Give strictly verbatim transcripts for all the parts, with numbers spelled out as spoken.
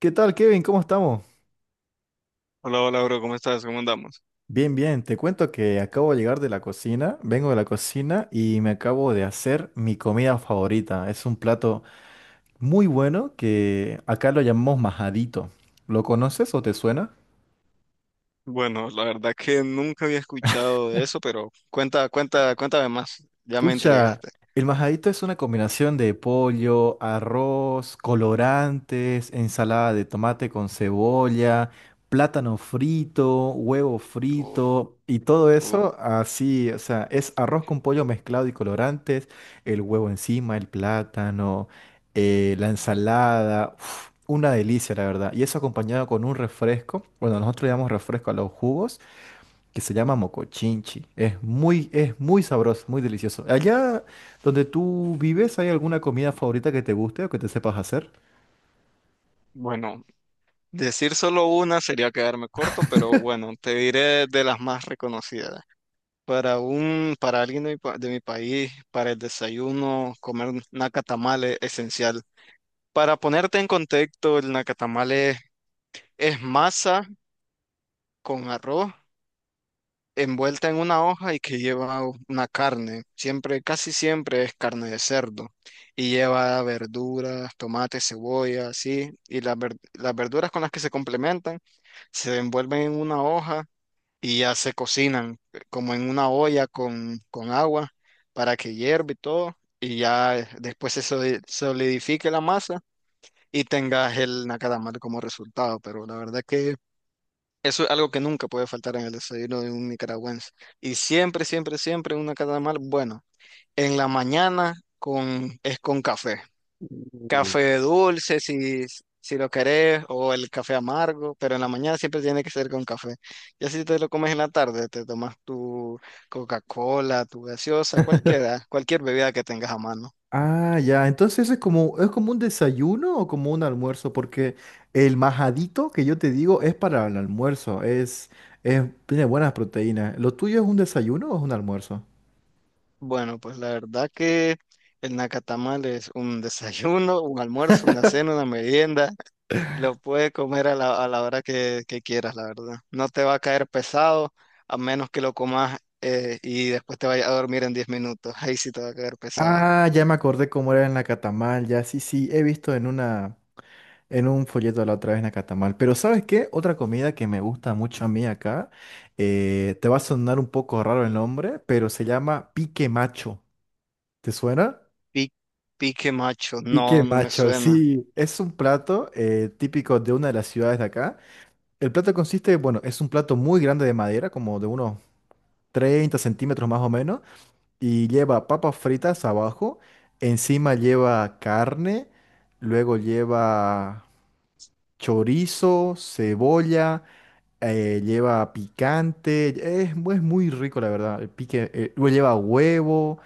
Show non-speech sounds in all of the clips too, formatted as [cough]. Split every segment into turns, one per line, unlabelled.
¿Qué tal, Kevin? ¿Cómo estamos?
Hola, hola, bro, ¿cómo estás? ¿Cómo andamos?
Bien, bien. Te cuento que acabo de llegar de la cocina, vengo de la cocina y me acabo de hacer mi comida favorita. Es un plato muy bueno que acá lo llamamos majadito. ¿Lo conoces o te suena?
Bueno, la verdad que nunca había escuchado de eso, pero cuenta, cuenta, cuéntame más. Ya me
Pucha,
entregaste.
el majadito es una combinación de pollo, arroz, colorantes, ensalada de tomate con cebolla, plátano frito, huevo frito y todo eso así, o sea, es arroz con pollo mezclado y colorantes, el huevo encima, el plátano, eh, la ensalada, uf, una delicia la verdad. Y eso acompañado con un refresco, bueno, nosotros le llamamos refresco a los jugos que se llama mocochinchi. Es muy, es muy sabroso, muy delicioso. Allá donde tú vives, ¿hay alguna comida favorita que te guste o que te sepas hacer?
Bueno, decir solo una sería quedarme corto, pero bueno, te diré de las más reconocidas. Para un, para alguien de mi, pa- de mi país, para el desayuno, comer nacatamale es esencial. Para ponerte en contexto, el nacatamale es masa con arroz envuelta en una hoja y que lleva una carne. Siempre, casi siempre es carne de cerdo. Y lleva verduras, tomates, cebolla, así. Y las, ver- las verduras con las que se complementan se envuelven en una hoja y ya se cocinan eh, como en una olla con, con agua para que hierva y todo. Y ya eh, después se soli- solidifique la masa y tengas el nacadamal como resultado. Pero la verdad que eso es algo que nunca puede faltar en el desayuno de un nicaragüense. Y siempre, siempre, siempre una mal, bueno, en la mañana con, es con café. Café dulce si, si lo querés o el café amargo, pero en la mañana siempre tiene que ser con café. Ya si te lo comes en la tarde, te tomas tu Coca-Cola, tu gaseosa,
[laughs]
cualquiera, cualquier bebida que tengas a mano.
Ah, ya. Entonces es como, es como un desayuno o como un almuerzo, porque el majadito que yo te digo es para el almuerzo. Es, es, tiene buenas proteínas. ¿Lo tuyo es un desayuno o es un almuerzo?
Bueno, pues la verdad que el nacatamal es un [laughs] desayuno, un almuerzo, una cena, una merienda. Lo puede comer a la, a la hora que, que quieras, la verdad. No te va a caer pesado a menos que lo comas eh, y después te vayas a dormir en diez minutos. Ahí sí te va a caer pesado.
Ah, ya me acordé cómo era en la Catamal, ya sí, sí, he visto en una, en un folleto la otra vez nacatamal. Pero ¿sabes qué? Otra comida que me gusta mucho a mí acá, eh, te va a sonar un poco raro el nombre, pero se llama pique macho. ¿Te suena?
Pi- pique macho,
Pique
no, no me
macho,
suena.
sí. Es un plato eh, típico de una de las ciudades de acá. El plato consiste, bueno, es un plato muy grande de madera, como de unos treinta centímetros más o menos, y lleva papas fritas abajo, encima lleva carne, luego lleva chorizo, cebolla. Eh, lleva picante, es, mu- es muy rico la verdad. El pique, eh, luego lleva huevo,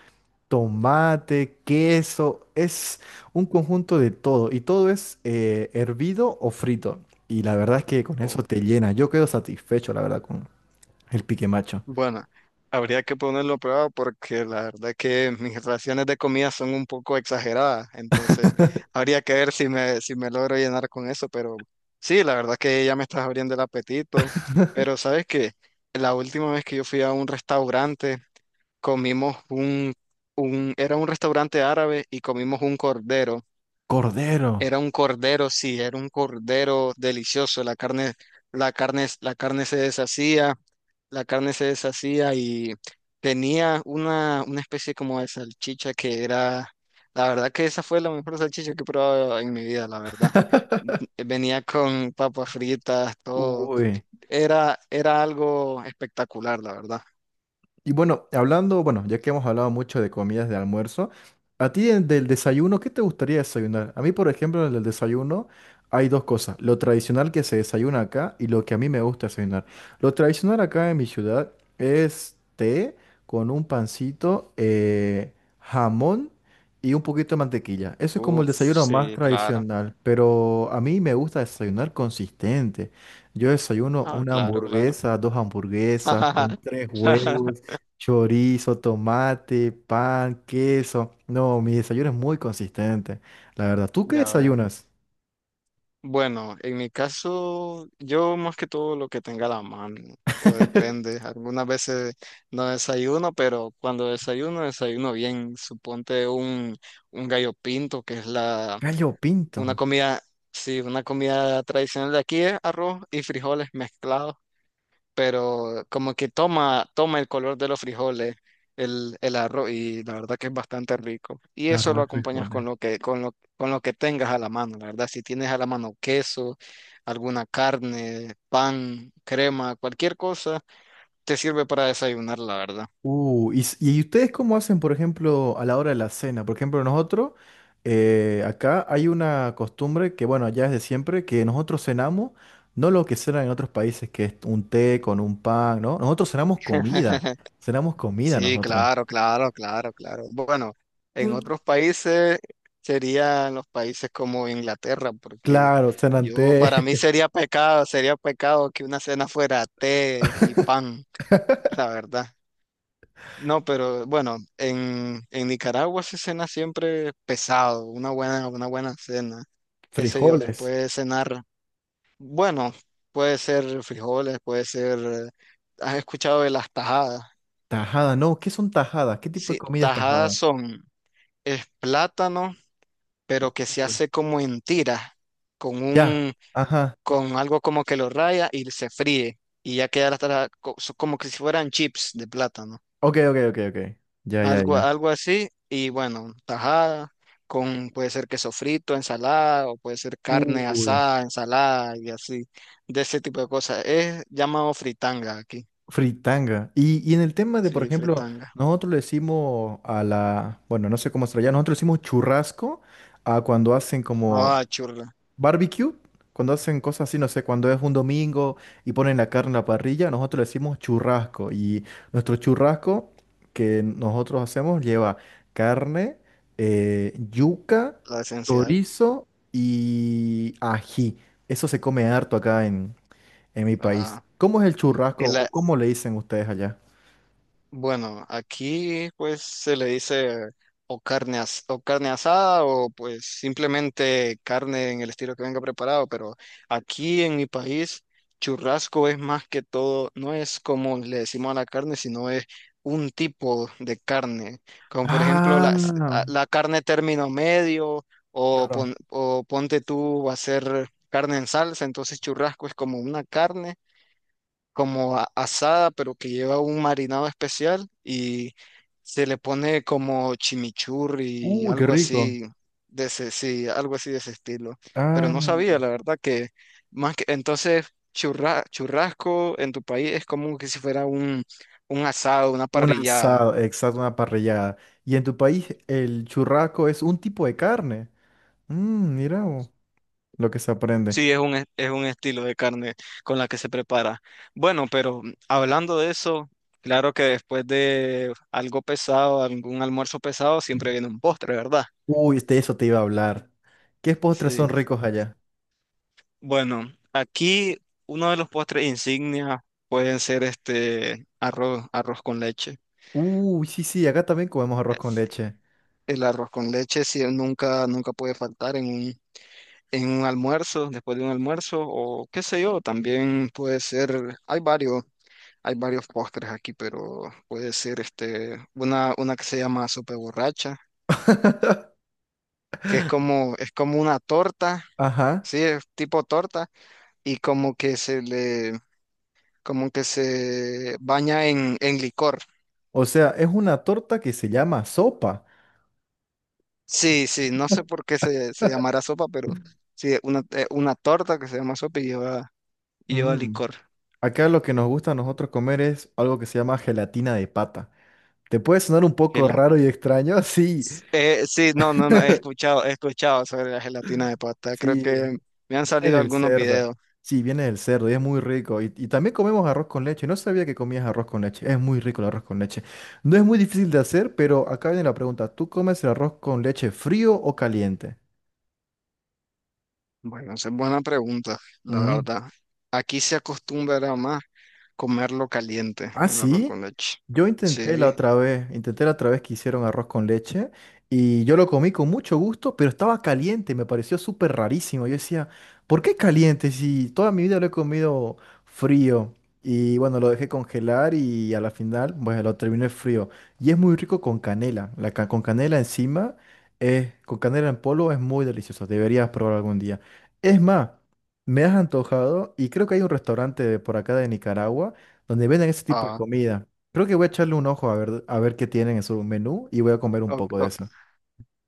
tomate, queso, es un conjunto de todo y todo es eh, hervido o frito. Y la verdad es que con eso
O-
te llena. Yo quedo satisfecho, la verdad, con el pique macho.
bueno, habría que ponerlo a prueba porque la verdad que mis raciones de comida son un poco exageradas. Entonces,
[laughs]
habría que ver si me, si me logro llenar con eso. Pero sí, la verdad que ya me estás abriendo el apetito. Pero ¿sabes que la última vez que yo fui a un restaurante, comimos un, un, era un restaurante árabe y comimos un cordero.
Cordero.
Era un cordero, sí, era un cordero delicioso. La carne, la carne, la carne se deshacía, la carne se deshacía y tenía una, una especie como de salchicha que era, la verdad que esa fue la mejor salchicha que he probado en mi vida, la verdad. Venía con papas fritas, todo.
Uy.
Era, era algo espectacular, la verdad.
Y bueno, hablando, bueno, ya que hemos hablado mucho de comidas de almuerzo, a ti en- del desayuno, ¿qué te gustaría desayunar? A mí, por ejemplo, en el desayuno hay dos cosas, lo tradicional que se desayuna acá y lo que a mí me gusta desayunar. Lo tradicional acá en mi ciudad es té con un pancito, eh, jamón y un poquito de mantequilla. Eso es como el
Uf,
desayuno más
sí, claro.
tradicional, pero a mí me gusta desayunar consistente. Yo desayuno
Ah,
una
claro, claro.
hamburguesa, dos hamburguesas, con tres huevos.
[laughs]
Chorizo, tomate, pan, queso. No, mi desayuno es muy consistente, la verdad. ¿Tú qué
Ya ver.
desayunas?
Bueno, en mi caso, yo más que todo lo que tenga a la mano, o depende.
[laughs]
Algunas veces no desayuno, pero cuando desayuno, desayuno bien. Suponte un, un gallo pinto, que es la,
Gallo
una
pinto.
comida, sí, una comida tradicional de aquí es arroz y frijoles mezclados, pero como que toma, toma el color de los frijoles, el, el arroz, y la verdad que es bastante rico. Y eso lo
Arroz y
acompañas con
frijoles.
lo que, con lo, con lo que tengas a la mano, la verdad. Si tienes a la mano queso, alguna carne, pan, crema, cualquier cosa, te sirve para desayunar, la verdad.
Uh, y, s- ¿y ustedes cómo hacen, por ejemplo, a la hora de la cena? Por ejemplo, nosotros, eh, acá hay una costumbre que, bueno, ya es de siempre, que nosotros cenamos, no lo que cenan en otros países, que es un té con un pan, ¿no? Nosotros cenamos comida,
[laughs]
cenamos comida
Sí,
nosotros.
claro, claro, claro, claro. Bueno, en otros países serían los países como Inglaterra, porque
Claro, cenan té,
yo para mí sería pecado, sería pecado que una cena fuera té y pan, la verdad. No, pero bueno, en, en Nicaragua se cena siempre pesado, una buena, una buena cena,
[laughs]
qué sé yo, se
frijoles.
puede cenar, bueno, puede ser frijoles, puede ser, eh, ¿has escuchado de las tajadas?
Tajada, no, ¿qué son tajadas? ¿Qué tipo de
Sí,
comida es
tajadas
tajada?
son es plátano, pero que se
Uy.
hace como en tiras, con
Ya,
un,
ajá.
con algo como que lo raya y se fríe. Y ya queda hasta co- so- como que si fueran chips de plátano.
Ok, ok, ok, ok. Ya, ya, ya.
Algo, algo así. Y bueno, tajada, con puede ser queso frito, ensalada, o puede ser carne
Uy.
asada, ensalada y así, de ese tipo de cosas. Es llamado fritanga aquí.
Fritanga. Y, y en el tema de, por
Sí,
ejemplo,
fritanga.
nosotros le decimos a la, bueno, no sé cómo se lo llama, nosotros le decimos churrasco a cuando hacen como
Ah, churla,
barbecue, cuando hacen cosas así, no sé, cuando es un domingo y ponen la carne en la parrilla, nosotros le decimos churrasco. Y nuestro churrasco que nosotros hacemos lleva carne, eh, yuca,
la esencial.
chorizo y ají. Eso se come harto acá en, en mi país.
Ah,
¿Cómo es el churrasco
el
o cómo le dicen ustedes allá?
bueno, aquí pues se le dice o carne, as- o carne asada o pues simplemente carne en el estilo que venga preparado, pero aquí en mi país churrasco es más que todo, no es como le decimos a la carne, sino es un tipo de carne, como por ejemplo
Ah,
la, la carne término medio o,
claro.
pon- o ponte tú va a ser carne en salsa, entonces churrasco es como una carne como a- asada, pero que lleva un marinado especial y se le pone como chimichurri,
Uy, qué
algo
rico.
así de ese, sí, algo así de ese estilo. Pero no
Ah.
sabía, la verdad, que más que entonces churra- churrasco en tu país es como que si fuera un, un asado, una
Un
parrillada.
asado, exacto, una parrillada. Y en tu país el churrasco es un tipo de carne. Mm, mira vos, lo que se aprende.
Sí, es un, es es un estilo de carne con la que se prepara. Bueno, pero hablando de eso, claro que después de algo pesado, algún almuerzo pesado, siempre viene un postre, ¿verdad?
Uy, de eso te iba a hablar. ¿Qué postres son
Sí.
ricos allá?
Bueno, aquí uno de los postres insignia pueden ser este arroz, arroz con leche.
Uy, sí, sí, acá también comemos arroz con leche.
El arroz con leche sí, nunca, nunca puede faltar en un, en un almuerzo, después de un almuerzo, o qué sé yo, también puede ser, hay varios, hay varios postres aquí, pero puede ser este, una, una que se llama sopa borracha, que es como, es como una torta,
Ajá.
sí, es tipo torta, y como que se le como que se baña en, en licor.
O sea, es una torta que se llama sopa.
Sí, sí, no sé por qué se, se
[laughs]
llamará sopa, pero sí, una, eh, una torta que se llama sopa y lleva, y lleva
Mm.
licor.
Acá lo que nos gusta a nosotros comer es algo que se llama gelatina de pata. ¿Te puede sonar un poco
Gela-
raro y extraño? [laughs] Sí.
Eh, sí, no, no, no, he
[laughs]
escuchado, he escuchado sobre la gelatina de pasta. Creo
Sí,
que me han
viene
salido
del
algunos
cerdo.
videos.
Sí, viene del cerdo y es muy rico. Y, y también comemos arroz con leche. No sabía que comías arroz con leche. Es muy rico el arroz con leche. No es muy difícil de hacer, pero acá viene la pregunta. ¿Tú comes el arroz con leche frío o caliente?
Bueno, esa es buena pregunta, la
Mm.
verdad. Aquí se acostumbra más comerlo caliente,
Ah,
el arroz
sí.
con leche.
Yo intenté la
Sí.
otra vez, intenté la otra vez que hicieron arroz con leche y yo lo comí con mucho gusto, pero estaba caliente, me pareció súper rarísimo. Yo decía, ¿por qué caliente si toda mi vida lo he comido frío? Y bueno, lo dejé congelar y a la final, bueno, lo terminé frío. Y es muy rico con canela. La ca- con canela encima, eh, con canela en polvo es muy delicioso. Deberías probar algún día. Es más, me has antojado y creo que hay un restaurante por acá de Nicaragua donde venden ese tipo de
Ah,
comida. Creo que voy a echarle un ojo a ver, a ver qué tienen en su menú y voy a comer un
ok,
poco de
ok.
eso.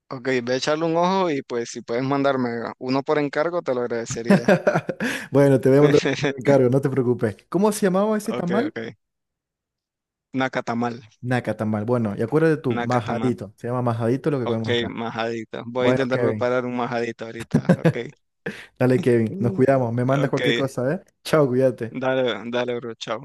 Ok, ve a echarle un ojo y pues si puedes mandarme uno por encargo, te lo agradecería.
[laughs] Bueno, te voy a mandar un
[laughs]
encargo, no te preocupes. ¿Cómo se llamaba ese
Ok,
tamal?
ok. Nacatamal,
Naca tamal. Bueno, y acuérdate tú,
nacatamal.
majadito. Se llama majadito lo que
Ok,
comemos acá.
majadito. Voy a
Bueno,
intentar
Kevin.
preparar un majadito ahorita. Ok.
Dale, Kevin. Nos
Mm.
cuidamos. Me mandas
Ok,
cualquier cosa, ¿eh? Chao, cuídate.
dale, dale, bro, chao.